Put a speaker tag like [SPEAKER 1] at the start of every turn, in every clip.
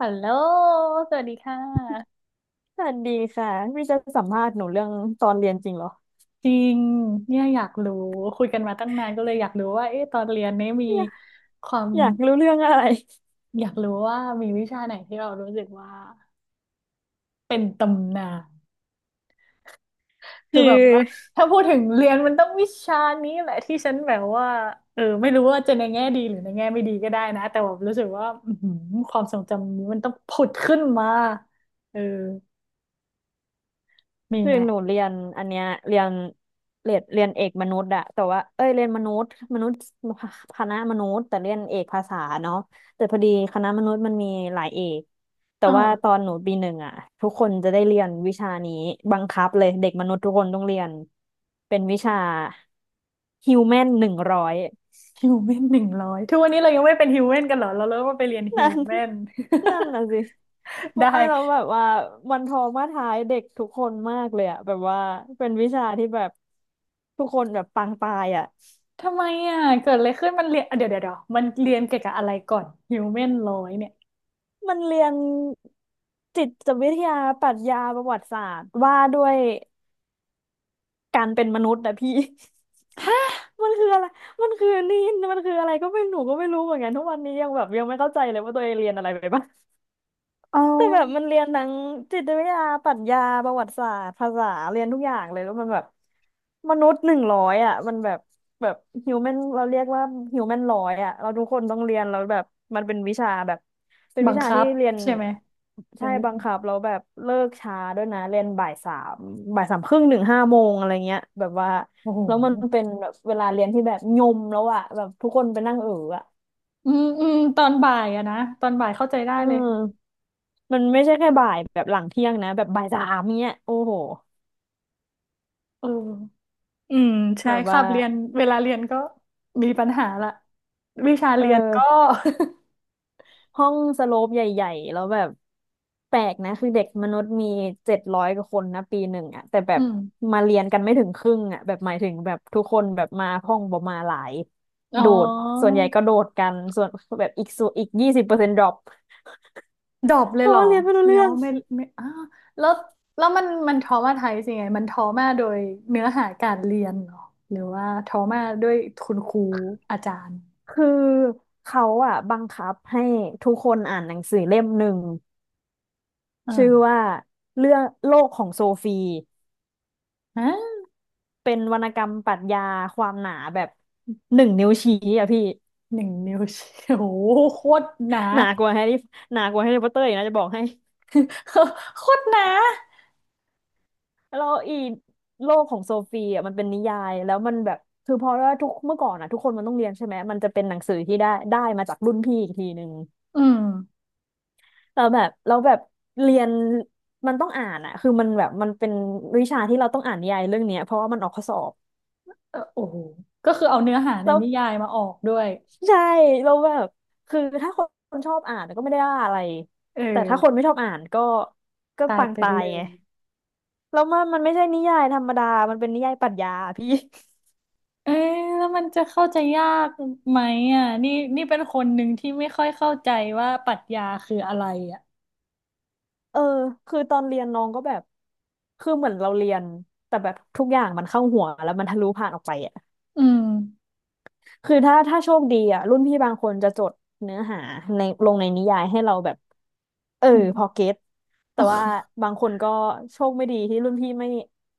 [SPEAKER 1] ฮัลโหลสวัสดีค่ะ
[SPEAKER 2] สวัสดีค่ะพี่จะสัมภาษณ์หนูเรื่องตอนเรียนจริงเหรอ
[SPEAKER 1] จริงเนี่ยอยากรู้คุยกันมาตั้งนานก็เลยอยากรู้ว่าเอ๊ะตอนเรียนเนี่ยมี
[SPEAKER 2] เนี่ย
[SPEAKER 1] ความ
[SPEAKER 2] อยากรู้เรื่องอะไร
[SPEAKER 1] อยากรู้ว่ามีวิชาไหนที่เรารู้สึกว่าเป็นตำนานคื
[SPEAKER 2] คื
[SPEAKER 1] อ
[SPEAKER 2] อ
[SPEAKER 1] แบบว่าถ้าพูดถึงเรียนมันต้องวิชานี้แหละที่ฉันแบบว่าไม่รู้ว่าจะในแง่ดีหรือในแง่ไม่ดีก็ได้นะแต่แบบรู้สึกว่าอื้อหือความทรงจำนี้มันต้องผุดขึ้นมาเออมี
[SPEAKER 2] คือ
[SPEAKER 1] ไหม
[SPEAKER 2] หนูเรียนอันเนี้ยเรียนเอกมนุษย์อะแต่ว่าเอ้ยเรียนมนุษย์คณะมนุษย์แต่เรียนเอกภาษาเนาะแต่พอดีคณะมนุษย์มันมีหลายเอกแต่
[SPEAKER 1] อ๋
[SPEAKER 2] ว่าต
[SPEAKER 1] อ
[SPEAKER 2] อนหนูปีหนึ่งอะทุกคนจะได้เรียนวิชานี้บังคับเลยเด็กมนุษย์ทุกคนต้องเรียนเป็นวิชาฮิวแมนหนึ่งร้อย
[SPEAKER 1] ฮิวแมน 100ทุกวันนี้เรายังไม่เป็นฮิวแมนกันเหรอเราเริ่มมาไปเรียนฮิ
[SPEAKER 2] นั่
[SPEAKER 1] ว
[SPEAKER 2] น
[SPEAKER 1] แมน
[SPEAKER 2] นั่นน่ะสิ ไม่เรา
[SPEAKER 1] ได้
[SPEAKER 2] แบบว่ามันทอมาท้ายเด็กทุกคนมากเลยอะแบบว่าเป็นวิชาที่แบบทุกคนแบบปางตายอะ
[SPEAKER 1] ทำไมอ่ะเกิดอะไรขึ้นมันเรียนอ่ะเดี๋ยวมันเรียนเกี่ยวกับอะไรก่อนฮิวแมนร้อยเนี่ย
[SPEAKER 2] มันเรียนจิตวิทยาปรัชญาประวัติศาสตร์ว่าด้วยการเป็นมนุษย์นะพี่ มันคืออะไรมันคือนี่มันคืออะไรก็ไม่หนูก็ไม่รู้เหมือนกันทุกวันนี้ยังแบบยังไม่เข้าใจเลยว่าตัวเองเรียนอะไรไปบ้าง
[SPEAKER 1] เอา
[SPEAKER 2] แต่แบบมันเรียนทั้งจิตวิทยาปรัชญาประวัติศาสตร์ภาษาเรียนทุกอย่างเลยแล้วมันแบบมนุษย์หนึ่งร้อยอ่ะมันแบบแบบฮิวแมนเราเรียกว่าฮิวแมนร้อยอ่ะเราทุกคนต้องเรียนแล้วแบบมันเป็นวิชาแบบเป็น
[SPEAKER 1] บั
[SPEAKER 2] วิ
[SPEAKER 1] ง
[SPEAKER 2] ชา
[SPEAKER 1] คั
[SPEAKER 2] ที่
[SPEAKER 1] บ
[SPEAKER 2] เรียน
[SPEAKER 1] ใช่ไหมเป็
[SPEAKER 2] ใช่
[SPEAKER 1] นวิ
[SPEAKER 2] บั
[SPEAKER 1] ธี
[SPEAKER 2] งคับแล้วแบบเลิกช้าด้วยนะเรียนบ่ายสามบ่ายสามครึ่งถึงห้าโมงอะไรเงี้ยแบบว่า
[SPEAKER 1] โอ้โห
[SPEAKER 2] แล้วมันเป็นแบบเวลาเรียนที่แบบยมแล้วอ่ะแบบทุกคนไปนั่งอ่ะ
[SPEAKER 1] อืมอืมตอนบ่ายอะนะตอนบ่ายเข้าใจได้
[SPEAKER 2] อื
[SPEAKER 1] เลย
[SPEAKER 2] ม มันไม่ใช่แค่บ่ายแบบหลังเที่ยงนะแบบบ่ายสามเนี้ยโอ้โห
[SPEAKER 1] เอออืมใช่
[SPEAKER 2] แบบ
[SPEAKER 1] ครั
[SPEAKER 2] ว่า
[SPEAKER 1] บเรียนเวลาเรียนก็มีปัญหาละวิชา
[SPEAKER 2] เออ
[SPEAKER 1] เรียนก็
[SPEAKER 2] ห้องสโลปใหญ่ๆแล้วแบบแปลกนะคือเด็กมนุษย์มี700กว่าคนนะปีหนึ่งอะแต่แบ
[SPEAKER 1] อื
[SPEAKER 2] บ
[SPEAKER 1] ม
[SPEAKER 2] มาเรียนกันไม่ถึงครึ่งอะแบบหมายถึงแบบทุกคนแบบมาห้องประมาณหลาย
[SPEAKER 1] อ๋
[SPEAKER 2] โดดส่
[SPEAKER 1] อ
[SPEAKER 2] วนใหญ่ก็โดดกันส่วนแบบอีกส่วนอีก20%ดรอป
[SPEAKER 1] ดรอปเล
[SPEAKER 2] เพ
[SPEAKER 1] ยเห
[SPEAKER 2] ราะ
[SPEAKER 1] รอ
[SPEAKER 2] ว่าเรียนไม่
[SPEAKER 1] แส
[SPEAKER 2] รู้
[SPEAKER 1] ดง
[SPEAKER 2] เรื่อง
[SPEAKER 1] ว่าไม่ไม่อ้าวแล้วแล้วมันทอมาไทยสิไงมันทอมาโดยเนื้อหาการเรียนเหรอหรือว่าทอมาด้วยคุณครูอาจารย์
[SPEAKER 2] คือเขาอะบังคับให้ทุกคนอ่านหนังสือเล่มหนึ่ง ชื่อ
[SPEAKER 1] เออ
[SPEAKER 2] ว่าเรื่องโลกของโซฟี
[SPEAKER 1] ฮะ
[SPEAKER 2] เป็นวรรณกรรมปรัชญาความหนาแบบหนึ่งนิ้วชี้อะพี่
[SPEAKER 1] หนึ่งนิ้วชี้โอ้โหโคตรหนา
[SPEAKER 2] หนากว่าแฮร์รี่หนากว่าแฮร์รี่พอตเตอร์อีกนะจะบอกให้
[SPEAKER 1] โคตรหนา
[SPEAKER 2] แล้วอีโลกของโซฟีอ่ะมันเป็นนิยายแล้วมันแบบคือพอว่าทุกเมื่อก่อนอ่ะทุกคนมันต้องเรียนใช่ไหมมันจะเป็นหนังสือที่ได้มาจากรุ่นพี่อีกทีหนึ่ง
[SPEAKER 1] อืม
[SPEAKER 2] แล้วแบบเรียนมันต้องอ่านอ่ะคือมันแบบมันเป็นวิชาที่เราต้องอ่านนิยายเรื่องเนี้ยเพราะว่ามันออกข้อสอบ
[SPEAKER 1] เออโอ้โหก็คือเอาเนื้อหาใน
[SPEAKER 2] แล้ว
[SPEAKER 1] นิยายมาออกด้วย
[SPEAKER 2] ใช่เราแบบคือถ้าคนชอบอ่านก็ไม่ได้ว่าอะไร
[SPEAKER 1] เอ
[SPEAKER 2] แต่
[SPEAKER 1] อ
[SPEAKER 2] ถ้าคนไม่ชอบอ่านก็ก็
[SPEAKER 1] ตาย
[SPEAKER 2] ปัง
[SPEAKER 1] เป็น
[SPEAKER 2] ตาย
[SPEAKER 1] เล
[SPEAKER 2] ไง
[SPEAKER 1] ย
[SPEAKER 2] แล้วมันมันไม่ใช่นิยายธรรมดามันเป็นนิยายปรัชญาอะพี่
[SPEAKER 1] เอ๊ะแล้วมันจะเข้าใจยากไหมอ่ะนี่นี่เป็นคนหนึ่งที่ไม่ค่อยเข้าใจว่าปรัชญาคืออะไรอ่ะ
[SPEAKER 2] เออคือตอนเรียนน้องก็แบบคือเหมือนเราเรียนแต่แบบทุกอย่างมันเข้าหัวแล้วมันทะลุผ่านออกไปอ่ะ
[SPEAKER 1] อืม
[SPEAKER 2] คือถ้าโชคดีอ่ะรุ่นพี่บางคนจะจดเนื้อหาในลงในนิยายให้เราแบบเออพอ
[SPEAKER 1] อม
[SPEAKER 2] เก็ต แต่
[SPEAKER 1] อ๋
[SPEAKER 2] ว่า
[SPEAKER 1] อ
[SPEAKER 2] บางคนก็โชคไม่ดีที่รุ่นพี่ไม่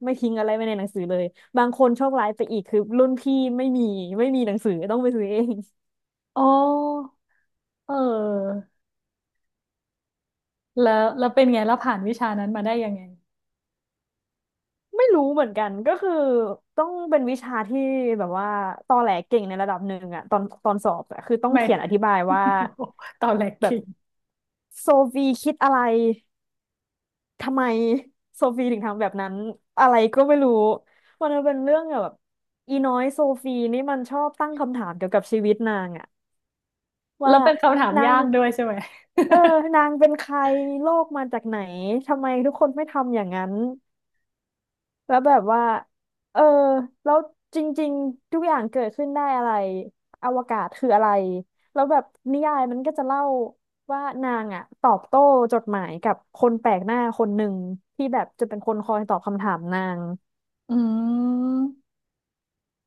[SPEAKER 2] ไม่ทิ้งอะไรไว้ในหนังสือเลยบางคนโชคร้ายไปอีกคือรุ่นพี่ไม่มีหนังสือต้องไปซื้อเอง
[SPEAKER 1] อ๋อเออ แล้วแล้วเป็นไงแล้วผ่านวิชานั้นมาได้ยังไง
[SPEAKER 2] ไม่รู้เหมือนกันก็คือต้องเป็นวิชาที่แบบว่าตอแหลเก่งในระดับหนึ่งอะตอนสอบอะคือต้อง
[SPEAKER 1] ไม่
[SPEAKER 2] เขียนอธิบายว่า
[SPEAKER 1] โอ้โหตอนแรก
[SPEAKER 2] แบ
[SPEAKER 1] คิ
[SPEAKER 2] บ
[SPEAKER 1] ง
[SPEAKER 2] โซฟีคิดอะไรทำไมโซฟีถึงทำแบบนั้นอะไรก็ไม่รู้มันเป็นเรื่องแบบอีน้อยโซฟีนี่มันชอบตั้งคำถามเกี่ยวกับชีวิตนางอะ
[SPEAKER 1] แล้
[SPEAKER 2] ว่า
[SPEAKER 1] วเป็นคำถาม
[SPEAKER 2] นา
[SPEAKER 1] ยา
[SPEAKER 2] ง
[SPEAKER 1] กด้วยใช่ไหม
[SPEAKER 2] เออนางเป็นใคร โลกมาจากไหน ทำไมทุกคนไม่ทำอย่างนั้น แล้วแบบว่าเออแล้วจริงๆ ทุกอย่างเกิดขึ้นได้อะไรอวกาศคืออะไร แล้วแบบนิยายมันก็จะเล่าว่านางอะตอบโต้จดหมายกับคนแปลกหน้าคนหนึ่งที่แบบจะเป็นคนคอยตอบคำถามนาง
[SPEAKER 1] อืม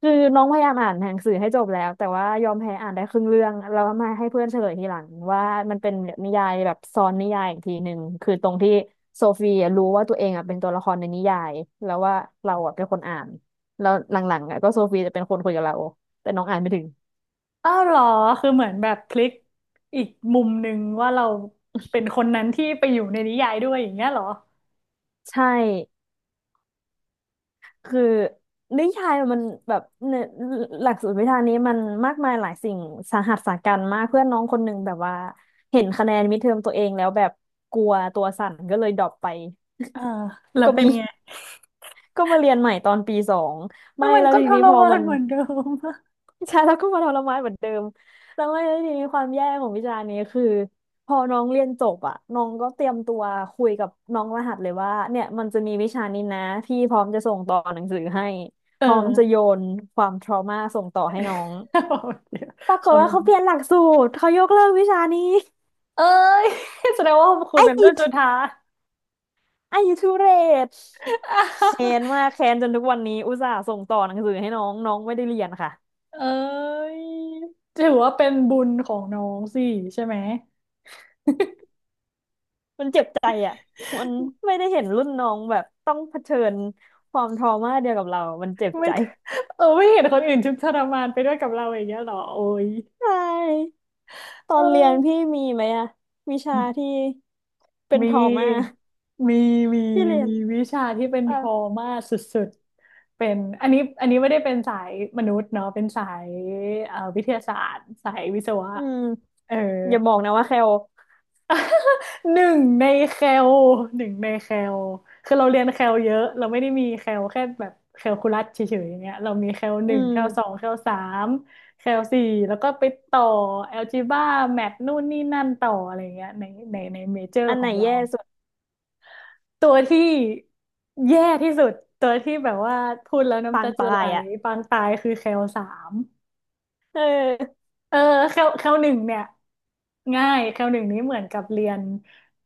[SPEAKER 2] คือน้องพยายามอ่านหนังสือให้จบแล้วแต่ว่ายอมแพ้อ่านได้ครึ่งเรื่องแล้วมาให้เพื่อนเฉลยทีหลังว่ามันเป็นนิยายแบบซ้อนนิยายอีกทีหนึ่งคือตรงที่โซฟีอะรู้ว่าตัวเองอ่ะเป็นตัวละครในนิยายแล้วว่าเราอ่ะเป็นคนอ่านแล้วหลังๆอ่ะก็โซฟีจะเป็นคนคุยกับเราแต่น้องอ่านไม่ถึง
[SPEAKER 1] อ้าวเหรอคือเหมือนแบบพลิกอีกมุมหนึ่งว่าเราเป็นคนนั้นที่ไปอยู่ในนิยายด้วยอย่างเงี้ยเหรอ
[SPEAKER 2] ใช่คือนิยายมันแบบเนอหลักสูตรวิชานี้มันมากมายหลายสิ่งสาหัสสากัจมากเพื่อนน้องคนหนึ่งแบบว่าเห็นคะแนนมิดเทอมตัวเองแล้วแบบกลัวตัวสั่นก็เลยดรอปไป
[SPEAKER 1] อ่าแล้ว
[SPEAKER 2] ก็
[SPEAKER 1] เป็
[SPEAKER 2] มี
[SPEAKER 1] นไง
[SPEAKER 2] ก็มาเรียนใหม่ตอนปีสอง
[SPEAKER 1] แล้
[SPEAKER 2] ไม่
[SPEAKER 1] วมัน
[SPEAKER 2] แล้ว
[SPEAKER 1] ก็
[SPEAKER 2] ที
[SPEAKER 1] ท
[SPEAKER 2] นี้
[SPEAKER 1] ร
[SPEAKER 2] พอ
[SPEAKER 1] มา
[SPEAKER 2] มั
[SPEAKER 1] น
[SPEAKER 2] น
[SPEAKER 1] เหมือนเดิม
[SPEAKER 2] ใช่แล้วก็มาทรมานเหมือนเดิมแล้วไม่แล้วทีนี้ความแย่ของวิชานี้คือพอน้องเรียนจบอ่ะน้องก็เตรียมตัวคุยกับน้องรหัสเลยว่าเนี่ยมันจะมีวิชานี้นะพี่พร้อมจะส่งต่อหนังสือให้
[SPEAKER 1] เอ
[SPEAKER 2] พ
[SPEAKER 1] อ
[SPEAKER 2] ร้อมจะโยนความทรมาส่งต่อให้น้อง
[SPEAKER 1] เดี๋ยว
[SPEAKER 2] ปราก
[SPEAKER 1] เขา
[SPEAKER 2] ฏว่าเขา
[SPEAKER 1] รู้
[SPEAKER 2] เปลี่ยนหลักสูตรเขายกเลิกวิชานี้
[SPEAKER 1] เอ้ย แสดงว่าคุณ
[SPEAKER 2] ไอ้
[SPEAKER 1] เป็นเรื่องสุดท้าย
[SPEAKER 2] ไอ้ทุเรศแค้นมากแค้นจนทุกวันนี้อุตส่าห์ส่งต่อหนังสือให้น้องน้องไม่ได้เรียนค่ะ
[SPEAKER 1] เอ้ยถือว่าเป็นบุญของน้องสิใช่ไหม
[SPEAKER 2] มันเจ็บใจอ่ะ มันไม่ได้เห็นรุ่นน้องแบบต้องเผชิญความทรมาเดียวกับเรา มันเจ็บ
[SPEAKER 1] ไม่
[SPEAKER 2] ใจ
[SPEAKER 1] ไม่เห็นคนอื่นทุกข์ทรมานไปด้วยกับเราอย่างเงี้ยเหรอโอ้ย
[SPEAKER 2] ใช่ตอ
[SPEAKER 1] เออ
[SPEAKER 2] นเรียนพี่มีไหมอ่ะวิชาที่เป็น
[SPEAKER 1] มี
[SPEAKER 2] ทรมา
[SPEAKER 1] มีมี
[SPEAKER 2] ที่เรีย
[SPEAKER 1] มี
[SPEAKER 2] น
[SPEAKER 1] วิชาที่เป็นท
[SPEAKER 2] อ่ะ
[SPEAKER 1] อมาสุดๆเป็นอันนี้อันนี้ไม่ได้เป็นสายมนุษย์เนาะเป็นสายวิทยาศาสตร์สายวิศวะ
[SPEAKER 2] อืม
[SPEAKER 1] เออ
[SPEAKER 2] อย่าบอกนะว่าแคล
[SPEAKER 1] หนึ่งในแคลหนึ่งในแคลคือเราเรียนแคลเยอะ เราไม่ได้มีแคลแค่แบบแคลคูลัสเฉยๆอย่างเงี้ยเรามีแคลห
[SPEAKER 2] อื
[SPEAKER 1] นึ่ง
[SPEAKER 2] ม
[SPEAKER 1] แคลสองแคลสามแคลสี่แล้วก็ไปต่อแอลจีบ้าแมทนู่นนี่นั่นต่ออะไรเงี้ยในในเมเจอร์
[SPEAKER 2] อัน
[SPEAKER 1] ข
[SPEAKER 2] ไห
[SPEAKER 1] อ
[SPEAKER 2] น
[SPEAKER 1] งเรา
[SPEAKER 2] แย่สุด
[SPEAKER 1] ตัวที่แย่ที่สุดตัวที่แบบว่าพูดแล้วน้ำ
[SPEAKER 2] ปา
[SPEAKER 1] ตา
[SPEAKER 2] ง
[SPEAKER 1] จะ
[SPEAKER 2] ตา
[SPEAKER 1] ไหล
[SPEAKER 2] ยอ่ะ
[SPEAKER 1] ปางตายคือแคลสาม
[SPEAKER 2] เออ
[SPEAKER 1] เออเข้าหนึ่งเนี่ยง่ายเข้าหนึ่งนี้เหมือนกับเรียน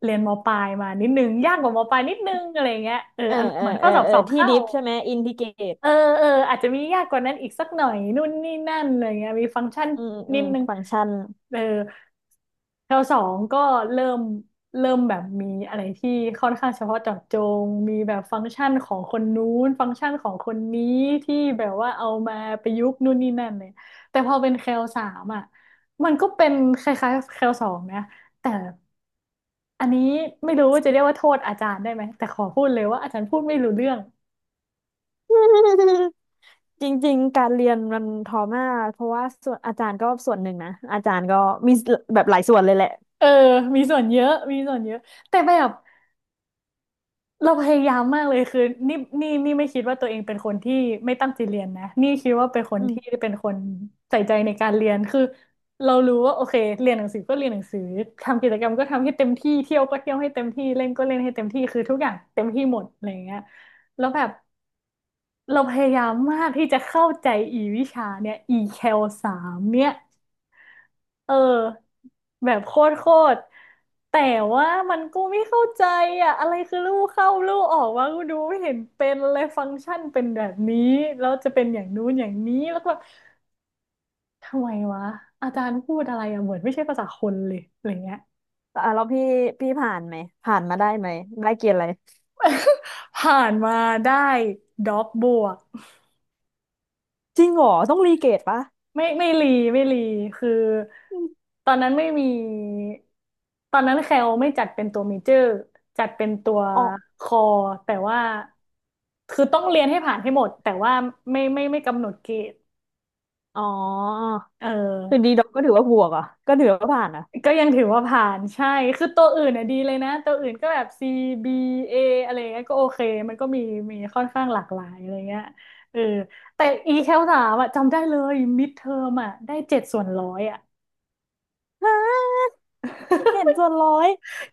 [SPEAKER 1] เรียนมปลายมานิดนึงยากกว่ามปลายนิดนึงอะไรเงี้ย
[SPEAKER 2] เอ
[SPEAKER 1] อา
[SPEAKER 2] อ
[SPEAKER 1] รมณ์
[SPEAKER 2] เอ
[SPEAKER 1] เห
[SPEAKER 2] อ
[SPEAKER 1] มือนข้
[SPEAKER 2] เอ
[SPEAKER 1] อ
[SPEAKER 2] อ
[SPEAKER 1] สอบ
[SPEAKER 2] เอ
[SPEAKER 1] ส
[SPEAKER 2] อ
[SPEAKER 1] อบ
[SPEAKER 2] ที่
[SPEAKER 1] เข้า
[SPEAKER 2] ดิฟใช่ไหมอินทิเกรต
[SPEAKER 1] เออเอออาจจะมียากกว่านั้นอีกสักหน่อยนู่นนี่นั่นอะไรเงี้ยมีฟังก์ชัน
[SPEAKER 2] อืมอื
[SPEAKER 1] นิด
[SPEAKER 2] ม
[SPEAKER 1] นึง
[SPEAKER 2] ฟังก์ชัน
[SPEAKER 1] เออแถวสองก็เริ่มเริ่มแบบมีอะไรที่ค่อนข้างเฉพาะเจาะจงมีแบบฟังก์ชันของคนนู้นฟังก์ชันของคนนี้ที่แบบว่าเอามาประยุกต์นู่นนี่นั่นเลยแต่พอเป็นแคลสามอ่ะมันก็เป็นคล้ายๆแคลสองนะแต่อันนี้ไม่รู้ว่าจะเรียกว่าโทษอาจารย์ได้ไหมแต่ขอพูดเลยว่าอาจารย์พูดไม่รู้เรื่อง
[SPEAKER 2] จริงๆการเรียนมันทอมากเพราะว่าส่วนอาจารย์ก็ส่วนหนึ่งนะอาจารย์ก็มีแบบหลายส่วนเลยแหละ
[SPEAKER 1] เออมีส่วนเยอะมีส่วนเยอะแต่แบบเราพยายามมากเลยคือนี่นี่ไม่คิดว่าตัวเองเป็นคนที่ไม่ตั้งใจเรียนนะนี่คิดว่าเป็นคน
[SPEAKER 2] อื
[SPEAKER 1] ที่
[SPEAKER 2] ม
[SPEAKER 1] เป็นคนใส่ใจในการเรียนคือเรารู้ว่าโอเคเรียนหนังสือก็เรียนหนังสือทำกิจกรรมก็ทำให้เต็มที่เที่ยวก็เที่ยวให้เต็มที่เล่นก็เล่นให้เต็มที่คือทุกอย่างเต็มที่หมดอะไรอย่างเงี้ยแล้วแบบเราพยายามมากที่จะเข้าใจอีวิชาเนี่ยอีแคลสามเนี่ย เออแบบโคตรแต่ว่ามันกูไม่เข้าใจอ่ะอะไรคือลู่เข้าลู่ออกวะกูดูไม่เห็นเป็นเลยฟังก์ชันเป็นแบบนี้แล้วจะเป็นอย่างนู้นอย่างนี้แล้วก็แบบทำไมวะอาจารย์พูดอะไรอ่ะเหมือนไม่ใช่ภาษาคนเลยอะไรเงี้ย
[SPEAKER 2] แต่อ่ะแล้วพี่ผ่านไหมผ่านมาได้ไหมได้เกรดอะไร
[SPEAKER 1] ผ่านมาได้ด็อกบวก
[SPEAKER 2] จริงเหรอต้องรีเกรดปะ
[SPEAKER 1] ไม่ไม่รีไม่รีคือ
[SPEAKER 2] อม
[SPEAKER 1] ตอนนั้นไม่มีตอนนั้นแคลไม่จัดเป็นตัวเมเจอร์จัดเป็นตัว
[SPEAKER 2] อ๋อ
[SPEAKER 1] คอแต่ว่าคือต้องเรียนให้ผ่านให้หมดแต่ว่าไม่กำหนดเกรด
[SPEAKER 2] อ๋อ
[SPEAKER 1] เออ
[SPEAKER 2] คือดีด็อกก็ถือว่าบวกเหรอ่ะก็ถือว่าผ่านอ่ะ
[SPEAKER 1] ก็ยังถือว่าผ่านใช่คือตัวอื่นน่ะดีเลยนะตัวอื่นก็แบบ C B A ออะไรเงี้ยก็โอเคมันก็มีมีค่อนข้างหลากหลายอะไรเงี้ยเออแต่ e แคลสามอะจำได้เลยมิดเทอมอะได้7/100อะ
[SPEAKER 2] ฮะเจ็ดส่วนร้อย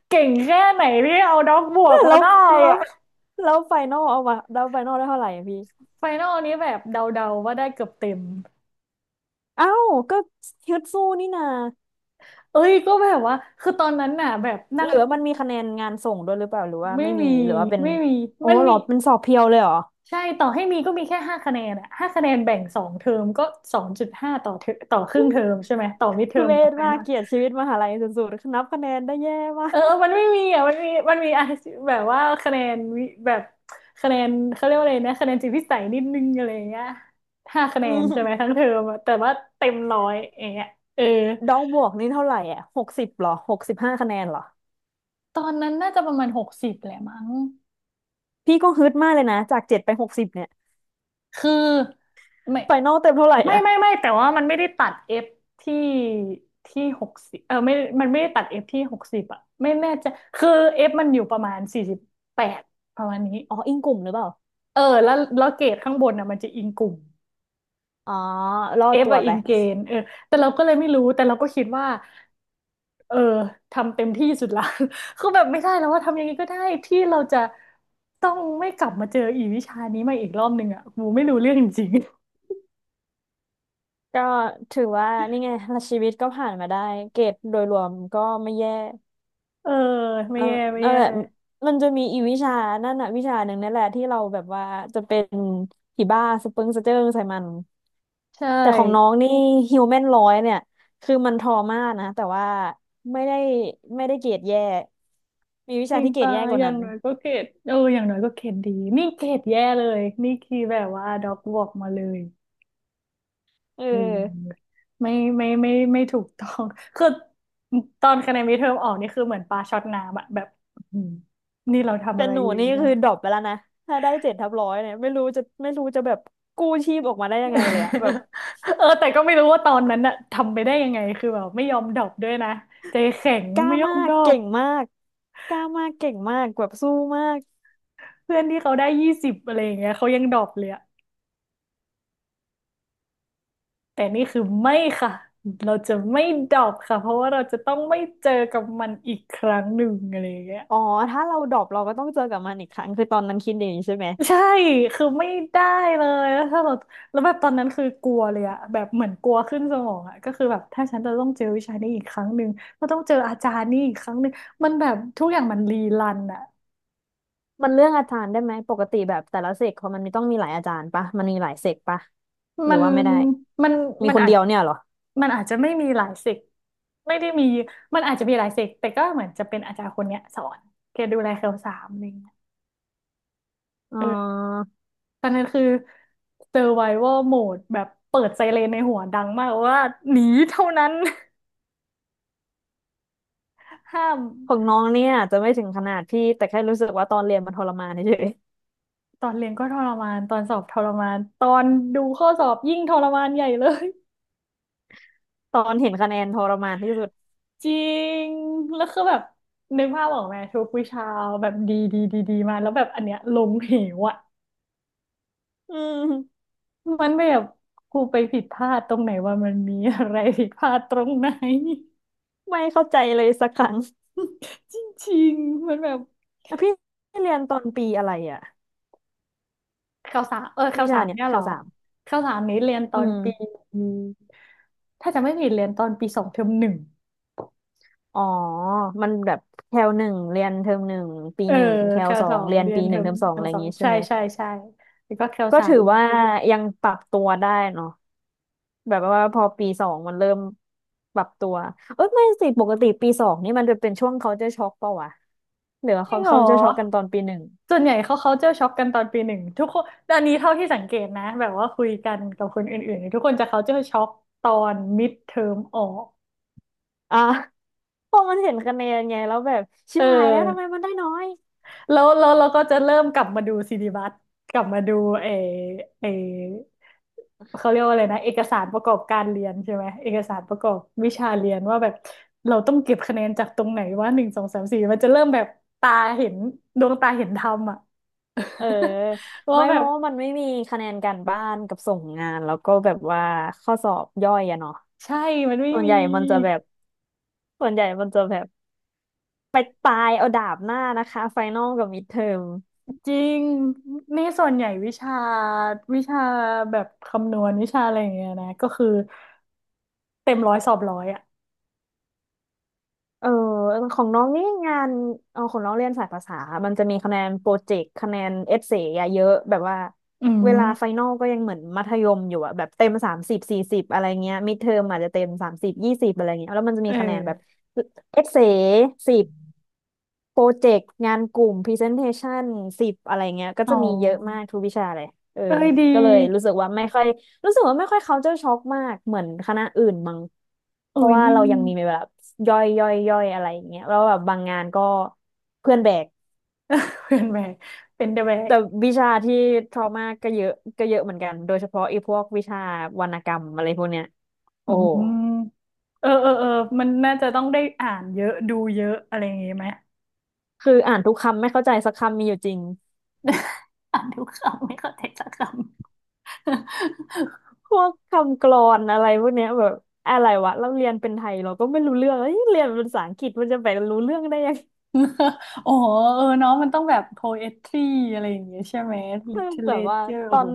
[SPEAKER 1] เก่งแค่ไหนที่เอาด็อกบว
[SPEAKER 2] แล้
[SPEAKER 1] ก
[SPEAKER 2] วแ
[SPEAKER 1] มาได้
[SPEAKER 2] ล้ว
[SPEAKER 1] อะ
[SPEAKER 2] แล้วไฟนอลเอามาแล้วไฟนอลได้เท่าไหร่อะพี่
[SPEAKER 1] ไฟนอลนี้แบบเดาๆว่าได้เกือบเต็ม
[SPEAKER 2] เอ้าก็ฮึดสู้นี่นา
[SPEAKER 1] เอ้ยก็แบบว่าคือตอนนั้นน่ะแบบ
[SPEAKER 2] ห
[SPEAKER 1] นั่ง
[SPEAKER 2] รือว่ามันมีคะแนนงานส่งด้วยหรือเปล่าหรือว่า
[SPEAKER 1] ไม่
[SPEAKER 2] ไม่มี
[SPEAKER 1] มี
[SPEAKER 2] หรือว่าเป็น
[SPEAKER 1] ไม่มี
[SPEAKER 2] โอ้
[SPEAKER 1] มัน
[SPEAKER 2] เหร
[SPEAKER 1] มี
[SPEAKER 2] อเป็นสอบเพียวเลยเหรอ
[SPEAKER 1] ใช่ต่อให้มีก็มีแค่ห้าคะแนนอะห้าคะแนนแบ่งสองเทอมก็2.5ต่อเทอต่อครึ่งเทอมใช่ไหมต่อมิดเทอ
[SPEAKER 2] ทุ
[SPEAKER 1] ม
[SPEAKER 2] เร
[SPEAKER 1] กับ
[SPEAKER 2] ศ
[SPEAKER 1] ไฟ
[SPEAKER 2] มา
[SPEAKER 1] น
[SPEAKER 2] ก
[SPEAKER 1] อล
[SPEAKER 2] เกลียดชีวิตมหาลัยสุดๆนับคะแนนได้แย่มา
[SPEAKER 1] เอ
[SPEAKER 2] ก
[SPEAKER 1] อ มันไม่มีอ่ะมันมีมันมีอะแบบว่าคะแนนวิแบบคะแนนเขาเรียกว่าอะไรนะคะแนนจิตวิสัยนิดนึงอะไรอย่างเงี้ยห้าคะแน
[SPEAKER 2] อื
[SPEAKER 1] นใช่ไหม
[SPEAKER 2] ม
[SPEAKER 1] ทั้งเทอมอะแต่ว่าเต็มร้อยอย่างเงี้ยเออ
[SPEAKER 2] ดองบวกนี่เท่าไหร่อ่ะหกสิบหรอหกสิบห้าคะแนนเหรอ
[SPEAKER 1] ตอนนั้นน่าจะประมาณหกสิบแหละมั้ง
[SPEAKER 2] พี่ก็ฮึดมากเลยนะจากเจ็ดไปหกสิบเนี่ย
[SPEAKER 1] คือไม่
[SPEAKER 2] ไฟนอลเต็มเท่าไหร่
[SPEAKER 1] ไม่
[SPEAKER 2] อ่ะ
[SPEAKER 1] ไม่ไม่แต่ว่ามันไม่ได้ตัด f ที่ที่หกสิบเออไม่มันไม่ได้ตัด f ที่หกสิบอ่ะไม่แน่ใจคือ f มันอยู่ประมาณ48ประมาณนี้
[SPEAKER 2] อ๋ออิงกลุ่มหรือเปล่า
[SPEAKER 1] เออแล้วเกรดข้างบนอ่ะมันจะอิงกลุ่ม
[SPEAKER 2] อ๋อรอด
[SPEAKER 1] f
[SPEAKER 2] ตั
[SPEAKER 1] อ
[SPEAKER 2] ว
[SPEAKER 1] อะอิ
[SPEAKER 2] ไป
[SPEAKER 1] งเกณฑ์เออแต่เราก็เลยไม่รู้แต่เราก็คิดว่า เออทำเต็มที่สุดละ คือแบบไม่ได้แล้วว่าทำยังไงก็ได้ที่เราจะต้องไม่กลับมาเจออีวิชานี้มาอีกรอบหนึ่งอ่ะกูไม่รู้เรื่องจริง
[SPEAKER 2] ก็ถือว่านี่ไงชีวิตก็ผ่านมาได้เกรดโดยรวมก็ไม่แย่
[SPEAKER 1] ๆ เออไม่
[SPEAKER 2] เอา
[SPEAKER 1] แย่ไม่
[SPEAKER 2] นั่น
[SPEAKER 1] แย่
[SPEAKER 2] แหละมันจะมีอีวิชานั่นน่ะวิชาหนึ่งนั่นแหละที่เราแบบว่าจะเป็นผีบ้าสเปิงสะเจิงใส่มัน
[SPEAKER 1] ใช่
[SPEAKER 2] แต่ของน้องนี่ฮิวแมนร้อยเนี่ยคือมันทรมานะแต่ว่าไม่ได้ไม่ได้เกรดแย่ มีวิ
[SPEAKER 1] จ
[SPEAKER 2] ชา
[SPEAKER 1] ริง
[SPEAKER 2] ที่เกรด
[SPEAKER 1] ปะ
[SPEAKER 2] แย่ก
[SPEAKER 1] อ
[SPEAKER 2] ว่า
[SPEAKER 1] ย่า
[SPEAKER 2] นั้
[SPEAKER 1] ง
[SPEAKER 2] น
[SPEAKER 1] น้อยก็เกรดเอออย่างน้อยก็เกรดดีนี่เกรดแย่เลยนี่คือแบบว่าด็อกบอกมาเลย
[SPEAKER 2] เออ
[SPEAKER 1] เออไม่ไม่ถูกต้อง คือตอนคะแนนมิดเทอมออกนี่คือเหมือนปลาช็อตน้ำอะแบบอื้อหือนี่เราทำ
[SPEAKER 2] แต่
[SPEAKER 1] อะไร
[SPEAKER 2] หนู
[SPEAKER 1] อยู่
[SPEAKER 2] นี่
[SPEAKER 1] วะ
[SPEAKER 2] คือดรอปไปแล้วนะถ้าได้เจ็ดทับร้อยเนี่ยไม่รู้จะแบบกู้ชีพออกมาได้ยังไงเลยอะแบบ
[SPEAKER 1] เออแต่ก็ไม่รู้ว่าตอนนั้นอะทำไปได้ยังไงคือแบบไม่ยอมดรอปด้วยนะใจแข็ง
[SPEAKER 2] กล้า
[SPEAKER 1] ไม่ยอ
[SPEAKER 2] มา
[SPEAKER 1] ม
[SPEAKER 2] ก
[SPEAKER 1] ดรอ
[SPEAKER 2] เก่
[SPEAKER 1] ป
[SPEAKER 2] งมากกล้ามากเก่งมากแบบสู้มาก
[SPEAKER 1] เพื่อนที่เขาได้20อะไรอย่างเงี้ยเขายังดรอปเลยอะแต่นี่คือไม่ค่ะเราจะไม่ดรอปค่ะเพราะว่าเราจะต้องไม่เจอกับมันอีกครั้งหนึ่งอะไรอย่างเงี้ย
[SPEAKER 2] อ๋อถ้าเราดรอปเราก็ต้องเจอกับมันอีกครั้งคือตอนนั้นคิดอย่างนี้ใช่ไหม
[SPEAKER 1] ใช่คือไม่ได้เลยแล้วถ้าเราแล้วแบบตอนนั้นคือกลัวเลยอะแบบเหมือนกลัวขึ้นสมองอะก็คือแบบถ้าฉันจะต้องเจอวิชานี้อีกครั้งหนึ่งก็ต้องเจออาจารย์นี่อีกครั้งหนึ่งมันแบบทุกอย่างมันรีรันอะ
[SPEAKER 2] มันเรื่องอาจารย์ได้ไหมปกติแบบแต่ละเซกเขามันมีต้องมีหลายอาจารย์ปะมันมีหลายเซกปะหรื
[SPEAKER 1] มั
[SPEAKER 2] อ
[SPEAKER 1] น
[SPEAKER 2] ว่าไม่ได้
[SPEAKER 1] มัน
[SPEAKER 2] มี
[SPEAKER 1] มัน
[SPEAKER 2] คน
[SPEAKER 1] อาจ
[SPEAKER 2] เดียวเนี่ยเหรอ
[SPEAKER 1] มันอาจจะไม่มีหลายเซกไม่ได้มี มันอาจจะมีหลายเซกแต่ก็เหมือนจะเป็นอาจารย์คนเนี้ยสอนแกดูแลเคลสามอะไรเงี้ย
[SPEAKER 2] อ๋อ
[SPEAKER 1] เออตอนนั้นคือ survival mode แบบเปิดไซเรนในหัวดังมากว่าหนีเท่านั้น ห้าม
[SPEAKER 2] ของน้องเนี่ยอาจจะไม่ถึงขนาดพี่แต่แค่รู้สึกว่าตอนเรียนมันทรมานเฉย
[SPEAKER 1] ตอนเรียนก็ทรมาน ตอนสอบทรมาน ตอนดูข้อสอบยิ่งทรมานใหญ่เลย
[SPEAKER 2] ๆตอนเห็นคะแนนทรมานที่สุด
[SPEAKER 1] จริง แล้วคือแบบนึกภาพออกไหมทุกวิชาแบบดีดีดีดีมาแล้วแบบอันเนี้ยลงเหวอะ
[SPEAKER 2] อืม
[SPEAKER 1] มันแบบครูไปผิดพลาดตรงไหนว่ามันมีอะไรผิดพลาดตรงไหน
[SPEAKER 2] ไม่เข้าใจเลยสักครั้ง
[SPEAKER 1] จริงๆมันแบบ
[SPEAKER 2] อ่ะพี่เรียนตอนปีอะไรอ่ะ
[SPEAKER 1] ข่าวสารข่า
[SPEAKER 2] วิ
[SPEAKER 1] วสา
[SPEAKER 2] ชา
[SPEAKER 1] ร
[SPEAKER 2] เนี่ย
[SPEAKER 1] เนี่ย
[SPEAKER 2] แค
[SPEAKER 1] เหรอ
[SPEAKER 2] ลสาม
[SPEAKER 1] ข่าวสารนี้เรียนต
[SPEAKER 2] อื
[SPEAKER 1] อนปี
[SPEAKER 2] ม
[SPEAKER 1] ถ้าจะไม่ผิดเรียนตอนปีสองเทอมหนึ่ง
[SPEAKER 2] อ๋อมันแบบแคลหนึ่งเรียนเทอมหนึ่งปี
[SPEAKER 1] เออ
[SPEAKER 2] หนึ่งแคล
[SPEAKER 1] ข่าว
[SPEAKER 2] สอ
[SPEAKER 1] สอ
[SPEAKER 2] ง
[SPEAKER 1] ง
[SPEAKER 2] เรียน
[SPEAKER 1] เรียน
[SPEAKER 2] ปีห
[SPEAKER 1] เทอ
[SPEAKER 2] นึ่ง
[SPEAKER 1] ม
[SPEAKER 2] เทอมสอง
[SPEAKER 1] เทอ
[SPEAKER 2] อะ
[SPEAKER 1] ม
[SPEAKER 2] ไรอ
[SPEAKER 1] ส
[SPEAKER 2] ย่า
[SPEAKER 1] อ
[SPEAKER 2] ง
[SPEAKER 1] ง
[SPEAKER 2] งี้ใช่
[SPEAKER 1] ใช่
[SPEAKER 2] ไหม
[SPEAKER 1] ใช่ใช่แล้วก็ข่าว
[SPEAKER 2] ก็
[SPEAKER 1] สา
[SPEAKER 2] ถื
[SPEAKER 1] ร
[SPEAKER 2] อว่ายังปรับตัวได้เนาะแบบว่าพอปีสองมันเริ่มปรับตัวเอ้ยไม่สิปกติปีสองนี่มันจะเป็นช่วงเขาจะช็อกเปล่าวะหรือว่า
[SPEAKER 1] จริ
[SPEAKER 2] เขา
[SPEAKER 1] งเหรอ
[SPEAKER 2] เขาจะช็อกกันตอนปีหนึ่ง
[SPEAKER 1] ส่วนใหญ่เขาเจอช็อกกันตอนปีหนึ่งทุกคนอันนี้เท่าที่สังเกตนะแบบว่าคุยกันกับคนอื่นๆทุกคนจะเขาเจอช็อกตอนมิดเทอมออก
[SPEAKER 2] อ่ะ เพราะมันเห็นคะแนนไงแล้วแบบชิ
[SPEAKER 1] เอ
[SPEAKER 2] บหายแล้วทำไม
[SPEAKER 1] อ
[SPEAKER 2] มันได้น้อย
[SPEAKER 1] แล้วเราก็จะเริ่มกลับมาดูซีดีบัตกลับมาดูเอเอเขาเรียกว่าอะไรนะเอกสารประกอบการเรียนใช่ไหมเอกสารประกอบวิชาเรียนว่าแบบเราต้องเก็บคะแนนจากตรงไหนว่าหนึ่งสองสามสี่มันจะเริ่มแบบตาเห็นดวงตาเห็นธรรมอ่ะ
[SPEAKER 2] เออ
[SPEAKER 1] ว่า
[SPEAKER 2] ไม่
[SPEAKER 1] แบ
[SPEAKER 2] เพ
[SPEAKER 1] บ
[SPEAKER 2] ราะว่ามันไม่มีคะแนนการบ้านกับส่งงานแล้วก็แบบว่าข้อสอบย่อยอะเนาะ
[SPEAKER 1] ใช่มันไม่
[SPEAKER 2] ส่วน
[SPEAKER 1] มี
[SPEAKER 2] ใหญ่มันจะแบบ ส่วนใหญ่มันจะแบบไปตายเอาดาบหน้านะคะไฟนอลกับมิดเทอม
[SPEAKER 1] จริงนี่ส่วนใหญ่วิชาแบบคำนวณวิชาอะไรอย่างเงี้ยนะก็คือเต็มร้อยสอบร้อยอ่ะ
[SPEAKER 2] เออของน้องนี่งานเออของน้องเรียนสายภาษา มันจะมีคะแนนโปรเจกต์คะแนนเอเซ่ะเยอะแบบว่า
[SPEAKER 1] อื
[SPEAKER 2] เวลา
[SPEAKER 1] ม
[SPEAKER 2] ไฟนอลก็ยังเหมือนมัธยมอยู่อะแบบเต็มสามสิบสี่สิบอะไรเงี้ยมิดเทอมอาจจะเต็มสามสิบยี่สิบอะไรเงี้ยแล้วมันจะ
[SPEAKER 1] เอ
[SPEAKER 2] มี
[SPEAKER 1] อ
[SPEAKER 2] คะแนนแบบเอเซ่สิบ โปรเจกต์งานกลุ่ม Presentation สิบอะไรเงี้ยก็
[SPEAKER 1] อ๋อ
[SPEAKER 2] จะมีเยอะมากทุกวิชาเลยเออ
[SPEAKER 1] เอ้ยดี
[SPEAKER 2] ก็เลยรู้สึกว่าไม่ค่อยรู้สึกว่าไม่ค่อย culture shock มากเหมือนคณะอื่นมั้งเพ
[SPEAKER 1] เอ้
[SPEAKER 2] ราะ
[SPEAKER 1] ย
[SPEAKER 2] ว่า
[SPEAKER 1] นี่
[SPEAKER 2] เรายังมีแบบย่อยย่อยย่อยอะไรอย่างเงี้ยแล้วแบบบางงานก็เพื่อนแบก
[SPEAKER 1] เพื่อนแบกเป็นเดอะแบก
[SPEAKER 2] แต่วิชาที่ trauma ก็เยอะเหมือนกันโดยเฉพาะไอ้พวกวิชาวรรณกรรมอะไรพวกเนี้ย
[SPEAKER 1] อื
[SPEAKER 2] โอ้
[SPEAKER 1] ม
[SPEAKER 2] โห
[SPEAKER 1] มเออเออเออมันน่าจะต้องได้อ่านเยอะดูเยอะอะไรอย่างงี้ไหม
[SPEAKER 2] คืออ่านทุกคำไม่เข้าใจสักคำมีอยู่จริง
[SPEAKER 1] อ่านทุกคำไม่เข้าใจสักคำ
[SPEAKER 2] พวกคำกลอนอะไรพวกเนี้ยแบบอะไรวะเราเรียนเป็นไทยเราก็ไม่รู้เรื่องเอ้ยเรียนเป็นภาษาอังกฤษมันจะไปรู้เรื่องได้ยัง
[SPEAKER 1] โอ้โหเออเนาะมันต้องแบบ poetry อะไรอย่างเงี้ยใช่ไหม
[SPEAKER 2] เออ แบบว่า
[SPEAKER 1] literature
[SPEAKER 2] ต
[SPEAKER 1] โอ้
[SPEAKER 2] อ
[SPEAKER 1] โห
[SPEAKER 2] น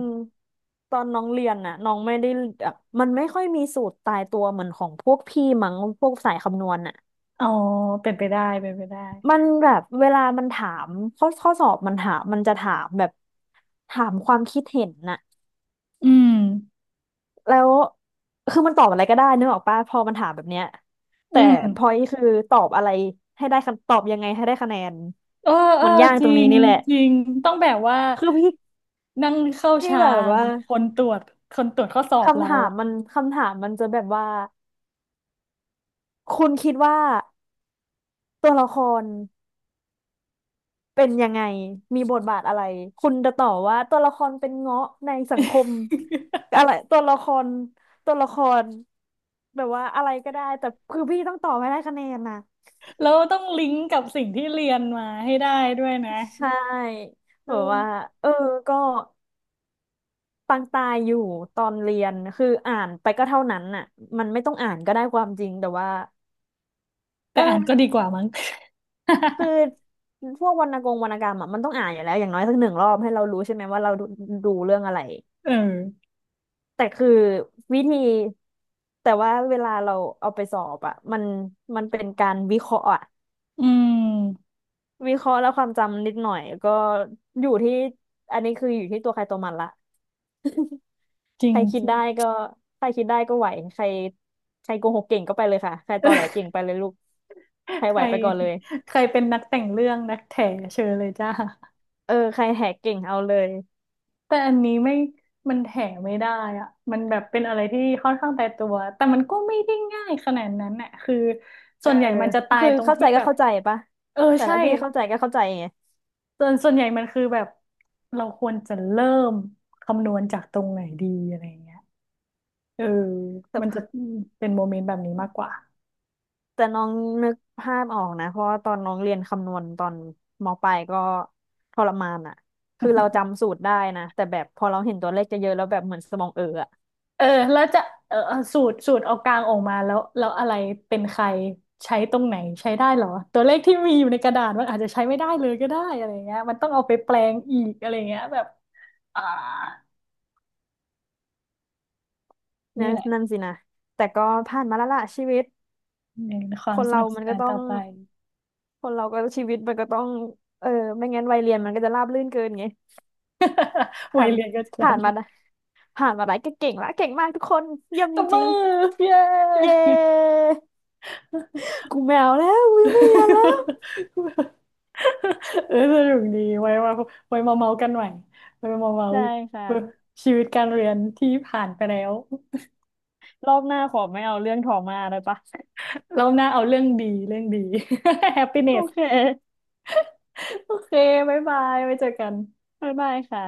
[SPEAKER 2] ตอนน้องเรียนน่ะน้องไม่ได้แบบมันไม่ค่อยมีสูตรตายตัวเหมือนของพวกพี่มั้งพวกสายคำนวณน่ะ
[SPEAKER 1] อ๋อเป็นไปได้เป็นไปได้
[SPEAKER 2] มันแบบเวลามันถามข้อสอบมันถามมันจะถามแบบถามความคิดเห็นน่ะ
[SPEAKER 1] อืม
[SPEAKER 2] แล้วคือมันตอบอะไรก็ได้นึกออกปะพอมันถามแบบเนี้ย
[SPEAKER 1] อื
[SPEAKER 2] แต่
[SPEAKER 1] ม
[SPEAKER 2] พอยคือตอบอะไรให้ได้คะตอบยังไงให้ได้คะแนน
[SPEAKER 1] เออเอ
[SPEAKER 2] มั
[SPEAKER 1] อ
[SPEAKER 2] นยาก
[SPEAKER 1] จ
[SPEAKER 2] ตร
[SPEAKER 1] ริ
[SPEAKER 2] งนี้
[SPEAKER 1] ง
[SPEAKER 2] นี่แหละ
[SPEAKER 1] จริงต้องแบบว่า
[SPEAKER 2] คือ
[SPEAKER 1] นั่งเข้า
[SPEAKER 2] พี่
[SPEAKER 1] ฌา
[SPEAKER 2] แบบ
[SPEAKER 1] น
[SPEAKER 2] ว่า
[SPEAKER 1] คนตรวจคนตรวจข้อสอบ
[SPEAKER 2] คำ
[SPEAKER 1] เรา
[SPEAKER 2] ถาม
[SPEAKER 1] อะ
[SPEAKER 2] มันจะแบบว่า คุณคิดว่าตัวละครเป็นยังไง มีบทบาทอะไรคุณจะตอบว่าตัวละครเป็นเงาะในสังคม อะไร ตัวละคร ตัวละครแบบว่าอะไรก็ได้แต่คือพี่ต้องตอบให้ได้คะแนนนะ
[SPEAKER 1] แล้วต้องลิงก์กับสิ่งที่เรียนมาให้ได้ด้วยนะ
[SPEAKER 2] ใช่แบ
[SPEAKER 1] เอ
[SPEAKER 2] บว่า
[SPEAKER 1] อ
[SPEAKER 2] เออก็ปังตายอยู่ตอนเรียนคืออ่านไปก็เท่านั้นน่ะมันไม่ต้องอ่านก็ได้ความจริงแต่ว่า
[SPEAKER 1] แต่
[SPEAKER 2] เออ
[SPEAKER 1] อ่านก็ดีกว่ามั้ง
[SPEAKER 2] คือพวกวรรณกงวรรณกรรมอ่ะมันต้องอ่านอยู่แล้วอย่างน้อยสักหนึ่งรอบให้เรารู้ใช่ไหมว่าเราดูเรื่องอะไร
[SPEAKER 1] เออ
[SPEAKER 2] แต่คือวิธีแต่ว่าเวลาเราเอาไปสอบอ่ะมันเป็นการวิเคราะห์อะ
[SPEAKER 1] อืม
[SPEAKER 2] วิเคราะห์แล้วความจำนิดหน่อยก็อยู่ที่อันนี้คืออยู่ที่ตัวใครตัวมันละ
[SPEAKER 1] จ ริ
[SPEAKER 2] ใค
[SPEAKER 1] ง
[SPEAKER 2] รคิ
[SPEAKER 1] จ
[SPEAKER 2] ด
[SPEAKER 1] ริง
[SPEAKER 2] ได้ก็ไหวใครใครโกหกเก่งก็ไปเลยค่ะใครตอแหล เก่งไปเลยลูกใคร
[SPEAKER 1] ใค
[SPEAKER 2] ไหว
[SPEAKER 1] ร
[SPEAKER 2] ไปก่อนเลย
[SPEAKER 1] ใครเป็นนักแต่งเรื่องนักแถเชิญเลยจ้า
[SPEAKER 2] เออใครแหกเก่งเอาเลย
[SPEAKER 1] แต่อันนี้ไม่มันแถไม่ได้อ่ะมันแบบเป็นอะไรที่ค่อนข้างตายตัว แต่มันก็ไม่ได้ง่ายขนาดนั้นน่ะคือ
[SPEAKER 2] เอ
[SPEAKER 1] ส่
[SPEAKER 2] อ
[SPEAKER 1] วนใหญ่มันจะตาย
[SPEAKER 2] คือ
[SPEAKER 1] ตรง
[SPEAKER 2] เข้าใจ
[SPEAKER 1] ที่
[SPEAKER 2] ก็
[SPEAKER 1] แบบ
[SPEAKER 2] เข้าใจปะ
[SPEAKER 1] เออ
[SPEAKER 2] แต่
[SPEAKER 1] ใช่
[SPEAKER 2] ละพี่เข้าใจก็เข้าใจไง
[SPEAKER 1] ส่วนใหญ่มันคือแบบเราควรจะเริ่มคำนวณจากตรงไหนดีอะไรเงี้ยเออมันจะ
[SPEAKER 2] แต่
[SPEAKER 1] เป็นโมเมนต์แบบนี้มากกว่า
[SPEAKER 2] น้องนึกภาพออกนะเพราะว่าตอนน้องเรียนคำนวณตอนมปลายก็ทรมานอ่ะคือเราจำสูตรได้นะแต่แบบพอเราเห็นตัวเลขจะเยอะๆแล้วแบบเหมือนสมองเอออะ
[SPEAKER 1] เออแล้วจะเออเอาสูตรเอากลางออกมาแล้วแล้วอะไรเป็นใครใช้ตรงไหนใช้ได้เหรอตัวเลขที่มีอยู่ในกระดาษมันอาจจะใช้ไม่ได้เลยก็ได้อะไรเงี้ยมันต้องเอาไปแปลงอีกอะไรเงี้ยแบบอ่านี่แหละ
[SPEAKER 2] นั่นสินะแต่ก็ผ่านมาแล้วล่ะชีวิต
[SPEAKER 1] เป็นควา
[SPEAKER 2] ค
[SPEAKER 1] ม
[SPEAKER 2] น
[SPEAKER 1] ส
[SPEAKER 2] เรา
[SPEAKER 1] นุกส
[SPEAKER 2] มัน
[SPEAKER 1] นา
[SPEAKER 2] ก็
[SPEAKER 1] น
[SPEAKER 2] ต้อ
[SPEAKER 1] ต่อ
[SPEAKER 2] ง
[SPEAKER 1] ไป
[SPEAKER 2] คนเราก็ชีวิตมันก็ต้องเออไม่งั้นวัยเรียนมันก็จะราบรื่นเกินไง
[SPEAKER 1] วั
[SPEAKER 2] ผ่า
[SPEAKER 1] ย
[SPEAKER 2] น
[SPEAKER 1] เรียนก็จะ
[SPEAKER 2] ผ่าน
[SPEAKER 1] ทำอ
[SPEAKER 2] มา
[SPEAKER 1] ยู่
[SPEAKER 2] ผ่านมาได้ก็เก่งละเก่งมากทุกคนเยี่ยม
[SPEAKER 1] ต
[SPEAKER 2] จ
[SPEAKER 1] บมื
[SPEAKER 2] ริง
[SPEAKER 1] อเย้
[SPEAKER 2] ๆเย้ กูแมวแล้วกูยังไม่เรียนแล้ว
[SPEAKER 1] เออสนุกดีไว้มาไว้มาเมากันใหม่ไว้มาเมา
[SPEAKER 2] ได้ค่ะ
[SPEAKER 1] ชีวิตการเรียนที่ผ่านไปแล้ว
[SPEAKER 2] รอบหน้าขอไม่เอาเรื่องทออมาได้ปะ
[SPEAKER 1] เราหน้าเอาเรื่องดีเรื่องดี
[SPEAKER 2] โอ
[SPEAKER 1] happiness
[SPEAKER 2] เค
[SPEAKER 1] โอเคบ๊ายบายไว้เจอกัน
[SPEAKER 2] บ๊ายบายค่ะ